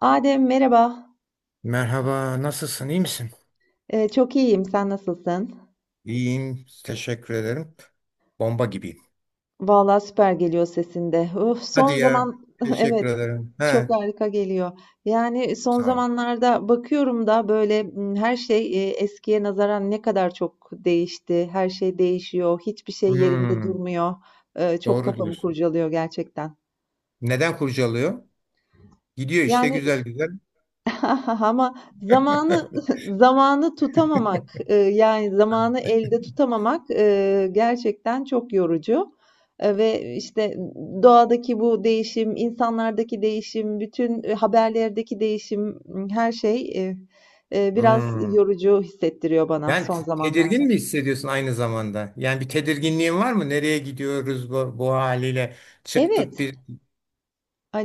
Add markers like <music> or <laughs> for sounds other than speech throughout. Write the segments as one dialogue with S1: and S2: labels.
S1: Adem merhaba.
S2: Merhaba, nasılsın? İyi misin?
S1: Çok iyiyim. Sen nasılsın?
S2: İyiyim, teşekkür ederim. Bomba gibiyim.
S1: Vallahi süper geliyor sesinde. Uf,
S2: Hadi
S1: son
S2: ya,
S1: zaman <laughs>
S2: teşekkür
S1: evet
S2: ederim.
S1: çok
S2: He,
S1: harika geliyor. Yani son
S2: sağ ol.
S1: zamanlarda bakıyorum da böyle, her şey eskiye nazaran ne kadar çok değişti. Her şey değişiyor. Hiçbir şey yerinde
S2: Hmm,
S1: durmuyor. Çok
S2: doğru
S1: kafamı
S2: diyorsun.
S1: kurcalıyor gerçekten.
S2: Neden kurcalıyor? Gidiyor işte
S1: Yani
S2: güzel güzel.
S1: <laughs> ama zamanı
S2: <laughs>
S1: <laughs> zamanı tutamamak, yani, zamanı elde tutamamak, gerçekten çok yorucu, ve, işte, doğadaki bu değişim, insanlardaki değişim, bütün, haberlerdeki değişim, her şey, biraz
S2: Hmm.
S1: yorucu hissettiriyor bana
S2: Yani
S1: son zamanlarda.
S2: tedirgin mi hissediyorsun aynı zamanda? Yani bir tedirginliğin var mı? Nereye gidiyoruz bu haliyle? Çıktık
S1: Evet,
S2: bir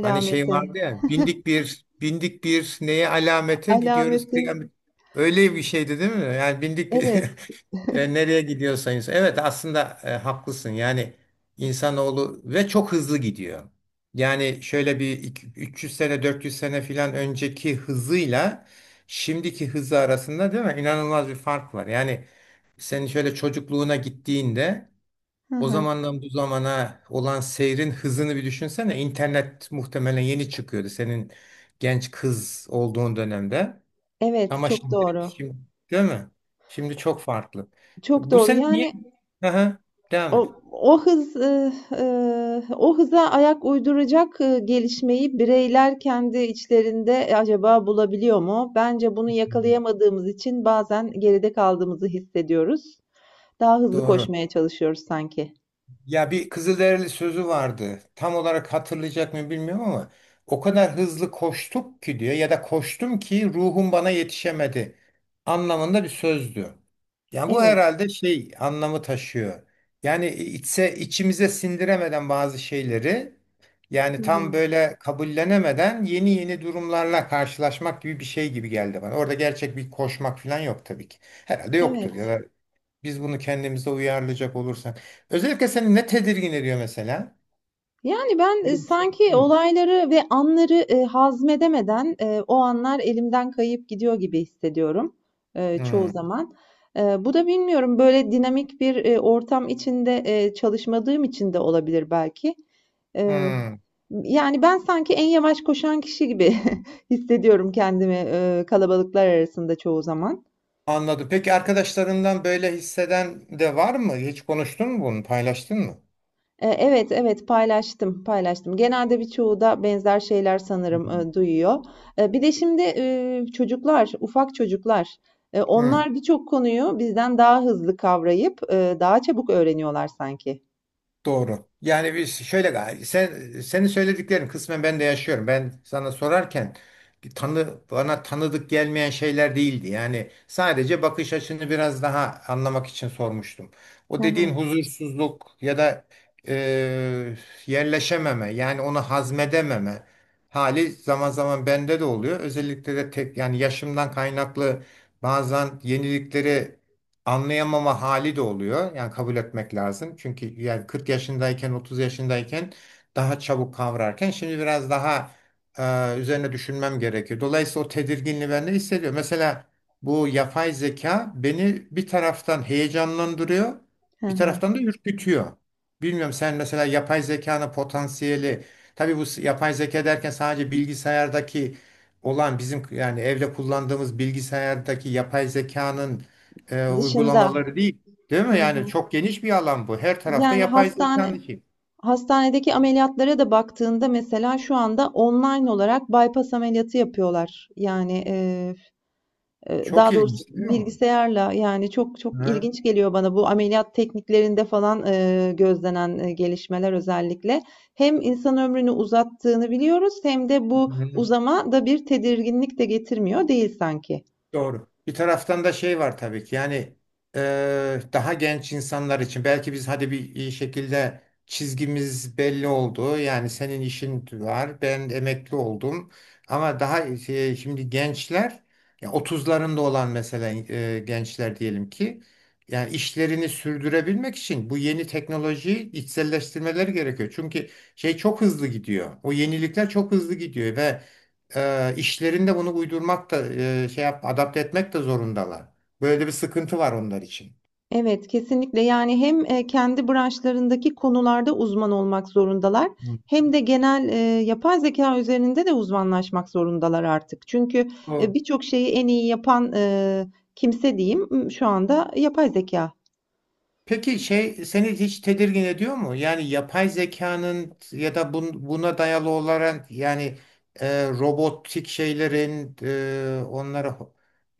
S2: hani şey vardı ya bindik bir neye alamete gidiyoruz
S1: alameti,
S2: kıyamet. Öyle bir şeydi değil mi? Yani bindik bir
S1: evet.
S2: <laughs> Nereye gidiyorsa insan. Evet aslında haklısın. Yani insanoğlu ve çok hızlı gidiyor. Yani şöyle bir 300 sene 400 sene filan önceki hızıyla şimdiki hızı arasında değil mi? İnanılmaz bir fark var. Yani senin şöyle çocukluğuna gittiğinde
S1: Hı
S2: o
S1: hı.
S2: zamandan bu zamana olan seyrin hızını bir düşünsene. İnternet muhtemelen yeni çıkıyordu senin genç kız olduğun dönemde.
S1: Evet,
S2: Ama
S1: çok doğru.
S2: şimdi değil mi? Şimdi çok farklı.
S1: Çok
S2: Bu
S1: doğru.
S2: sene niye?
S1: Yani
S2: Aha, devam et.
S1: o hız, o hıza ayak uyduracak, gelişmeyi bireyler kendi içlerinde e, acaba bulabiliyor mu? Bence bunu yakalayamadığımız için bazen geride kaldığımızı hissediyoruz. Daha hızlı
S2: Doğru.
S1: koşmaya çalışıyoruz sanki.
S2: Ya bir Kızılderili sözü vardı. Tam olarak hatırlayacak mı bilmiyorum ama o kadar hızlı koştuk ki diyor ya da koştum ki ruhum bana yetişemedi anlamında bir sözdü. Yani bu
S1: Evet.
S2: herhalde şey anlamı taşıyor. Yani içimize sindiremeden bazı şeyleri
S1: Hı
S2: yani tam
S1: hı.
S2: böyle kabullenemeden yeni yeni durumlarla karşılaşmak gibi bir şey gibi geldi bana. Orada gerçek bir koşmak falan yok tabii ki. Herhalde yoktur ya
S1: Evet.
S2: da biz bunu kendimize uyarlayacak olursak. Özellikle seni ne tedirgin ediyor mesela?
S1: Yani ben,
S2: Böyle bir şey.
S1: sanki
S2: Hı.
S1: olayları ve anları, hazmedemeden, o anlar elimden kayıp gidiyor gibi hissediyorum, çoğu
S2: Hı.
S1: zaman. Bu da bilmiyorum, böyle dinamik bir, ortam içinde, çalışmadığım için de olabilir belki. Eee,
S2: Hı.
S1: Yani ben sanki en yavaş koşan kişi gibi <laughs> hissediyorum kendimi, kalabalıklar arasında çoğu zaman.
S2: Anladım. Peki arkadaşlarından böyle hisseden de var mı? Hiç konuştun mu bunu? Paylaştın mı?
S1: Evet, evet paylaştım, paylaştım. Genelde birçoğu da benzer şeyler sanırım,
S2: Hı.
S1: duyuyor. Bir de şimdi, çocuklar, ufak çocuklar,
S2: Hı.
S1: onlar birçok konuyu bizden daha hızlı kavrayıp, daha çabuk öğreniyorlar sanki.
S2: Doğru. Yani biz şöyle senin söylediklerin kısmen ben de yaşıyorum. Ben sana sorarken bir tanı bana tanıdık gelmeyen şeyler değildi. Yani sadece bakış açını biraz daha anlamak için sormuştum.
S1: Hı
S2: O dediğin
S1: hı.
S2: huzursuzluk ya da e, yerleşememe yani onu hazmedememe hali zaman zaman bende de oluyor. Özellikle de tek yani yaşımdan kaynaklı bazen yeniliklere anlayamama hali de oluyor. Yani kabul etmek lazım. Çünkü yani 40 yaşındayken 30 yaşındayken daha çabuk kavrarken şimdi biraz daha üzerine düşünmem gerekiyor. Dolayısıyla o tedirginliği ben de hissediyorum. Mesela bu yapay zeka beni bir taraftan heyecanlandırıyor,
S1: Hı
S2: bir
S1: hı.
S2: taraftan da ürkütüyor. Bilmiyorum sen mesela yapay zekanın potansiyeli, tabii bu yapay zeka derken sadece bilgisayardaki olan bizim yani evde kullandığımız bilgisayardaki yapay zekanın
S1: Dışında.
S2: uygulamaları değil. Değil
S1: Hı
S2: mi? Yani
S1: hı.
S2: çok geniş bir alan bu. Her tarafta
S1: Yani
S2: yapay
S1: hastane
S2: zekanın içi.
S1: Hastanedeki ameliyatlara da baktığında mesela şu anda online olarak bypass ameliyatı yapıyorlar. Yani,
S2: Çok
S1: daha doğrusu
S2: ilginç değil mi?
S1: bilgisayarla yani çok çok
S2: Hı
S1: ilginç geliyor bana bu ameliyat tekniklerinde falan, gözlenen, gelişmeler özellikle. Hem insan ömrünü uzattığını biliyoruz hem de bu
S2: hı.
S1: uzama da bir tedirginlik de getirmiyor değil sanki.
S2: Doğru. Bir taraftan da şey var tabii ki yani daha genç insanlar için belki biz hadi bir iyi şekilde çizgimiz belli oldu. Yani senin işin var, ben emekli oldum. Ama daha şey, şimdi gençler ya 30'larında olan mesela gençler diyelim ki yani işlerini sürdürebilmek için bu yeni teknolojiyi içselleştirmeleri gerekiyor. Çünkü şey çok hızlı gidiyor. O yenilikler çok hızlı gidiyor ve işlerinde bunu uydurmak da şey yap, adapte etmek de zorundalar. Böyle bir sıkıntı var onlar için.
S1: Evet, kesinlikle. Yani hem, kendi branşlarındaki konularda uzman olmak zorundalar
S2: Hı.
S1: hem de genel, yapay zekâ üzerinde de uzmanlaşmak zorundalar artık. Çünkü,
S2: Doğru.
S1: birçok şeyi en iyi yapan, kimse diyeyim, şu anda yapay zekâ.
S2: Peki şey seni hiç tedirgin ediyor mu? Yani yapay zekanın ya da buna dayalı olarak yani robotik şeylerin onlara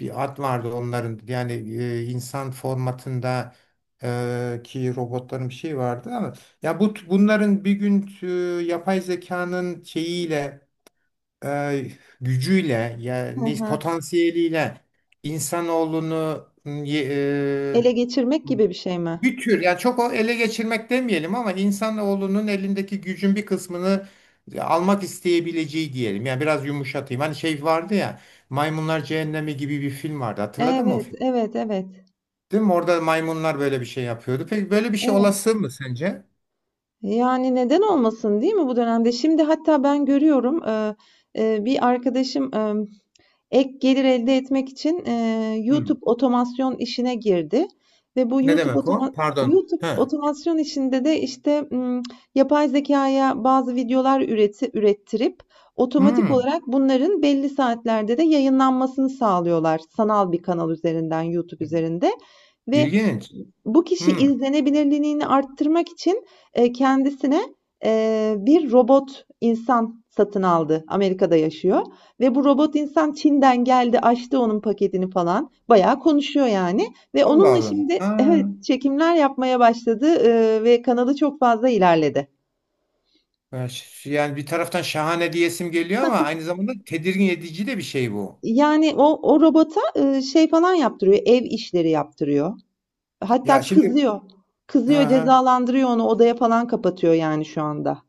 S2: bir ad vardı onların yani insan formatında ki robotların bir şey vardı ama ya bu bunların bir gün yapay zekanın şeyiyle e, gücüyle
S1: Hı
S2: yani
S1: hı.
S2: potansiyeliyle insanoğlunu
S1: Ele
S2: e,
S1: geçirmek gibi bir şey mi?
S2: bir tür yani çok o ele geçirmek demeyelim ama insanoğlunun elindeki gücün bir kısmını almak isteyebileceği diyelim. Yani biraz yumuşatayım. Hani şey vardı ya Maymunlar Cehennemi gibi bir film vardı. Hatırladın mı o
S1: Evet,
S2: film?
S1: evet, evet,
S2: Değil mi? Orada maymunlar böyle bir şey yapıyordu. Peki böyle bir şey
S1: evet.
S2: olası mı sence?
S1: Yani neden olmasın değil mi bu dönemde? Şimdi hatta ben görüyorum bir arkadaşım e, ek gelir elde etmek için,
S2: Hmm.
S1: YouTube otomasyon işine girdi ve bu
S2: Ne demek o? Pardon.
S1: YouTube
S2: He.
S1: otomasyon işinde de, işte, yapay zekaya bazı videolar ürettirip otomatik
S2: Hmm.
S1: olarak bunların belli saatlerde de yayınlanmasını sağlıyorlar sanal bir kanal üzerinden, YouTube üzerinde ve
S2: İlginç.
S1: bu kişi
S2: Hmm.
S1: izlenebilirliğini arttırmak için, kendisine, bir robot insan satın aldı. Amerika'da yaşıyor. Ve bu robot insan Çin'den geldi, açtı onun paketini falan. Bayağı konuşuyor yani ve
S2: Allah
S1: onunla
S2: Allah.
S1: şimdi evet,
S2: Ha.
S1: çekimler yapmaya başladı, ve kanalı çok fazla ilerledi.
S2: Yani bir taraftan şahane diyesim geliyor ama aynı zamanda tedirgin edici de bir şey bu.
S1: Yani o robota, şey falan yaptırıyor, ev işleri yaptırıyor.
S2: Ya
S1: Hatta
S2: şimdi
S1: kızıyor.
S2: ha
S1: Kızıyor,
S2: ha,
S1: cezalandırıyor onu, odaya falan kapatıyor yani şu anda.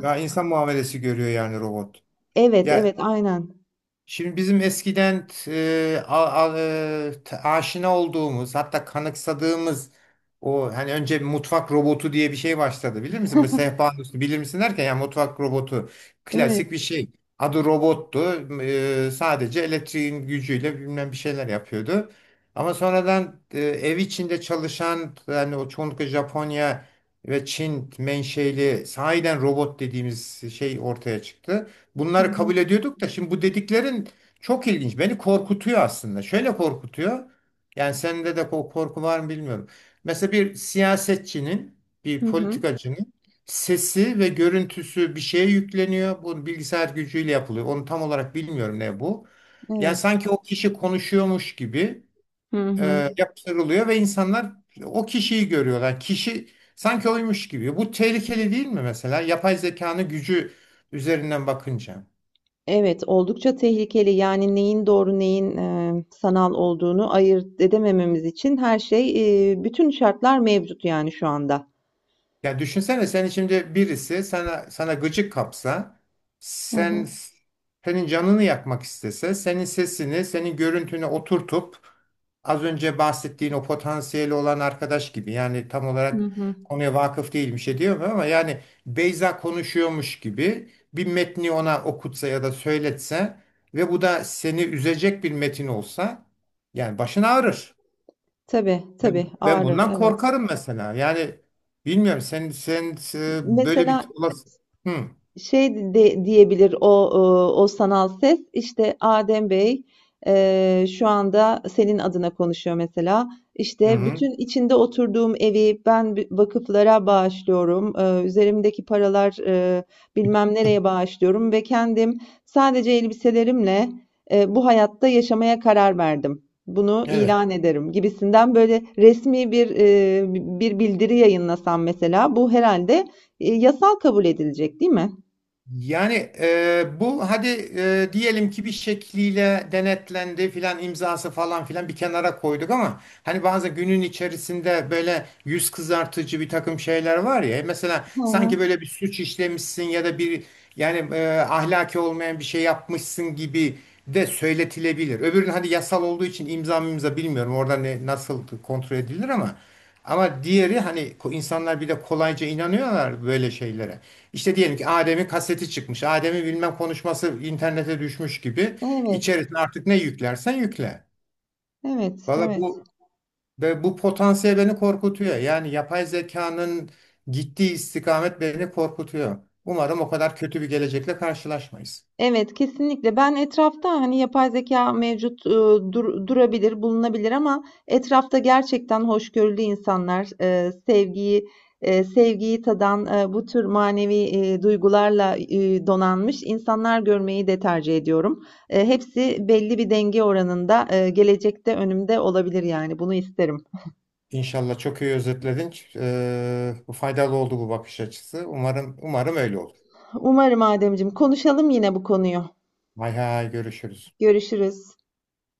S2: ya insan muamelesi görüyor yani robot.
S1: Evet, evet,
S2: Ya
S1: aynen.
S2: şimdi bizim eskiden aşina olduğumuz hatta kanıksadığımız o hani önce mutfak robotu diye bir şey başladı bilir misin? Bu sehpanın üstü bilir misin derken yani mutfak robotu
S1: Evet.
S2: klasik bir şey. Adı robottu. Sadece elektriğin gücüyle bilmem bir şeyler yapıyordu. Ama sonradan ev içinde çalışan yani o çoğunlukla Japonya ve Çin menşeli sahiden robot dediğimiz şey ortaya çıktı.
S1: Hı
S2: Bunları kabul
S1: hı.
S2: ediyorduk da şimdi bu dediklerin çok ilginç. Beni korkutuyor aslında. Şöyle korkutuyor. Yani sende de o korku var mı bilmiyorum. Mesela bir siyasetçinin, bir
S1: Hı hı.
S2: politikacının sesi ve görüntüsü bir şeye yükleniyor. Bu bilgisayar gücüyle yapılıyor. Onu tam olarak bilmiyorum ne bu. Yani
S1: Evet.
S2: sanki o kişi konuşuyormuş gibi
S1: Hı hı.
S2: yaptırılıyor ve insanlar o kişiyi görüyorlar. Kişi sanki oymuş gibi. Bu tehlikeli değil mi mesela? Yapay zekanın gücü üzerinden bakınca.
S1: Evet, oldukça tehlikeli. Yani neyin doğru, neyin, sanal olduğunu ayırt edemememiz için her şey, bütün şartlar mevcut yani şu anda.
S2: Ya düşünsene sen şimdi birisi sana gıcık kapsa,
S1: Hı hı.
S2: sen senin canını yakmak istese, senin sesini, senin görüntünü oturtup az önce bahsettiğin o potansiyeli olan arkadaş gibi yani tam
S1: Hı
S2: olarak
S1: hı.
S2: konuya vakıf değil bir şey diyemem ama yani Beyza konuşuyormuş gibi bir metni ona okutsa ya da söyletse ve bu da seni üzecek bir metin olsa yani başın ağrır.
S1: Tabii,
S2: Ben,
S1: tabii
S2: ben
S1: ağrır,
S2: bundan
S1: evet.
S2: korkarım mesela. Yani bilmiyorum sen böyle bir
S1: Mesela
S2: olası. Hı
S1: şey de diyebilir o e, o sanal ses işte Adem Bey e, şu anda senin adına konuşuyor mesela
S2: hı.
S1: işte
S2: Hı.
S1: bütün içinde oturduğum evi ben bi- vakıflara bağışlıyorum. E, üzerimdeki paralar e, bilmem nereye bağışlıyorum ve kendim sadece elbiselerimle e, bu hayatta yaşamaya karar verdim. Bunu
S2: Evet.
S1: ilan ederim gibisinden böyle resmi bir e, bir bildiri yayınlasam mesela bu herhalde e, yasal kabul edilecek değil mi?
S2: Yani bu hadi diyelim ki bir şekliyle denetlendi filan imzası falan filan bir kenara koyduk ama hani bazı günün içerisinde böyle yüz kızartıcı bir takım şeyler var ya mesela
S1: Hı
S2: sanki
S1: hı.
S2: böyle bir suç işlemişsin ya da bir yani ahlaki olmayan bir şey yapmışsın gibi de söyletilebilir. Öbürün hadi yasal olduğu için imza bilmiyorum orada ne, nasıl kontrol edilir ama diğeri hani insanlar bir de kolayca inanıyorlar böyle şeylere. İşte diyelim ki Adem'in kaseti çıkmış. Adem'in bilmem konuşması internete düşmüş gibi.
S1: Evet,
S2: İçerisine artık ne yüklersen yükle.
S1: evet,
S2: Valla
S1: evet.
S2: bu potansiyel beni korkutuyor. Yani yapay zekanın gittiği istikamet beni korkutuyor. Umarım o kadar kötü bir gelecekle karşılaşmayız.
S1: Evet, kesinlikle. Ben etrafta hani yapay zeka mevcut e, durabilir, bulunabilir ama etrafta gerçekten hoşgörülü insanlar, e, sevgiyi e, sevgiyi tadan e, bu tür manevi e, duygularla e, donanmış insanlar görmeyi de tercih ediyorum. E, hepsi belli bir denge oranında e, gelecekte önümde olabilir yani bunu isterim.
S2: İnşallah çok iyi özetledin. Bu faydalı oldu bu bakış açısı. Umarım öyle olur.
S1: Umarım Ademciğim. Konuşalım yine bu konuyu.
S2: Hay hay görüşürüz.
S1: Görüşürüz.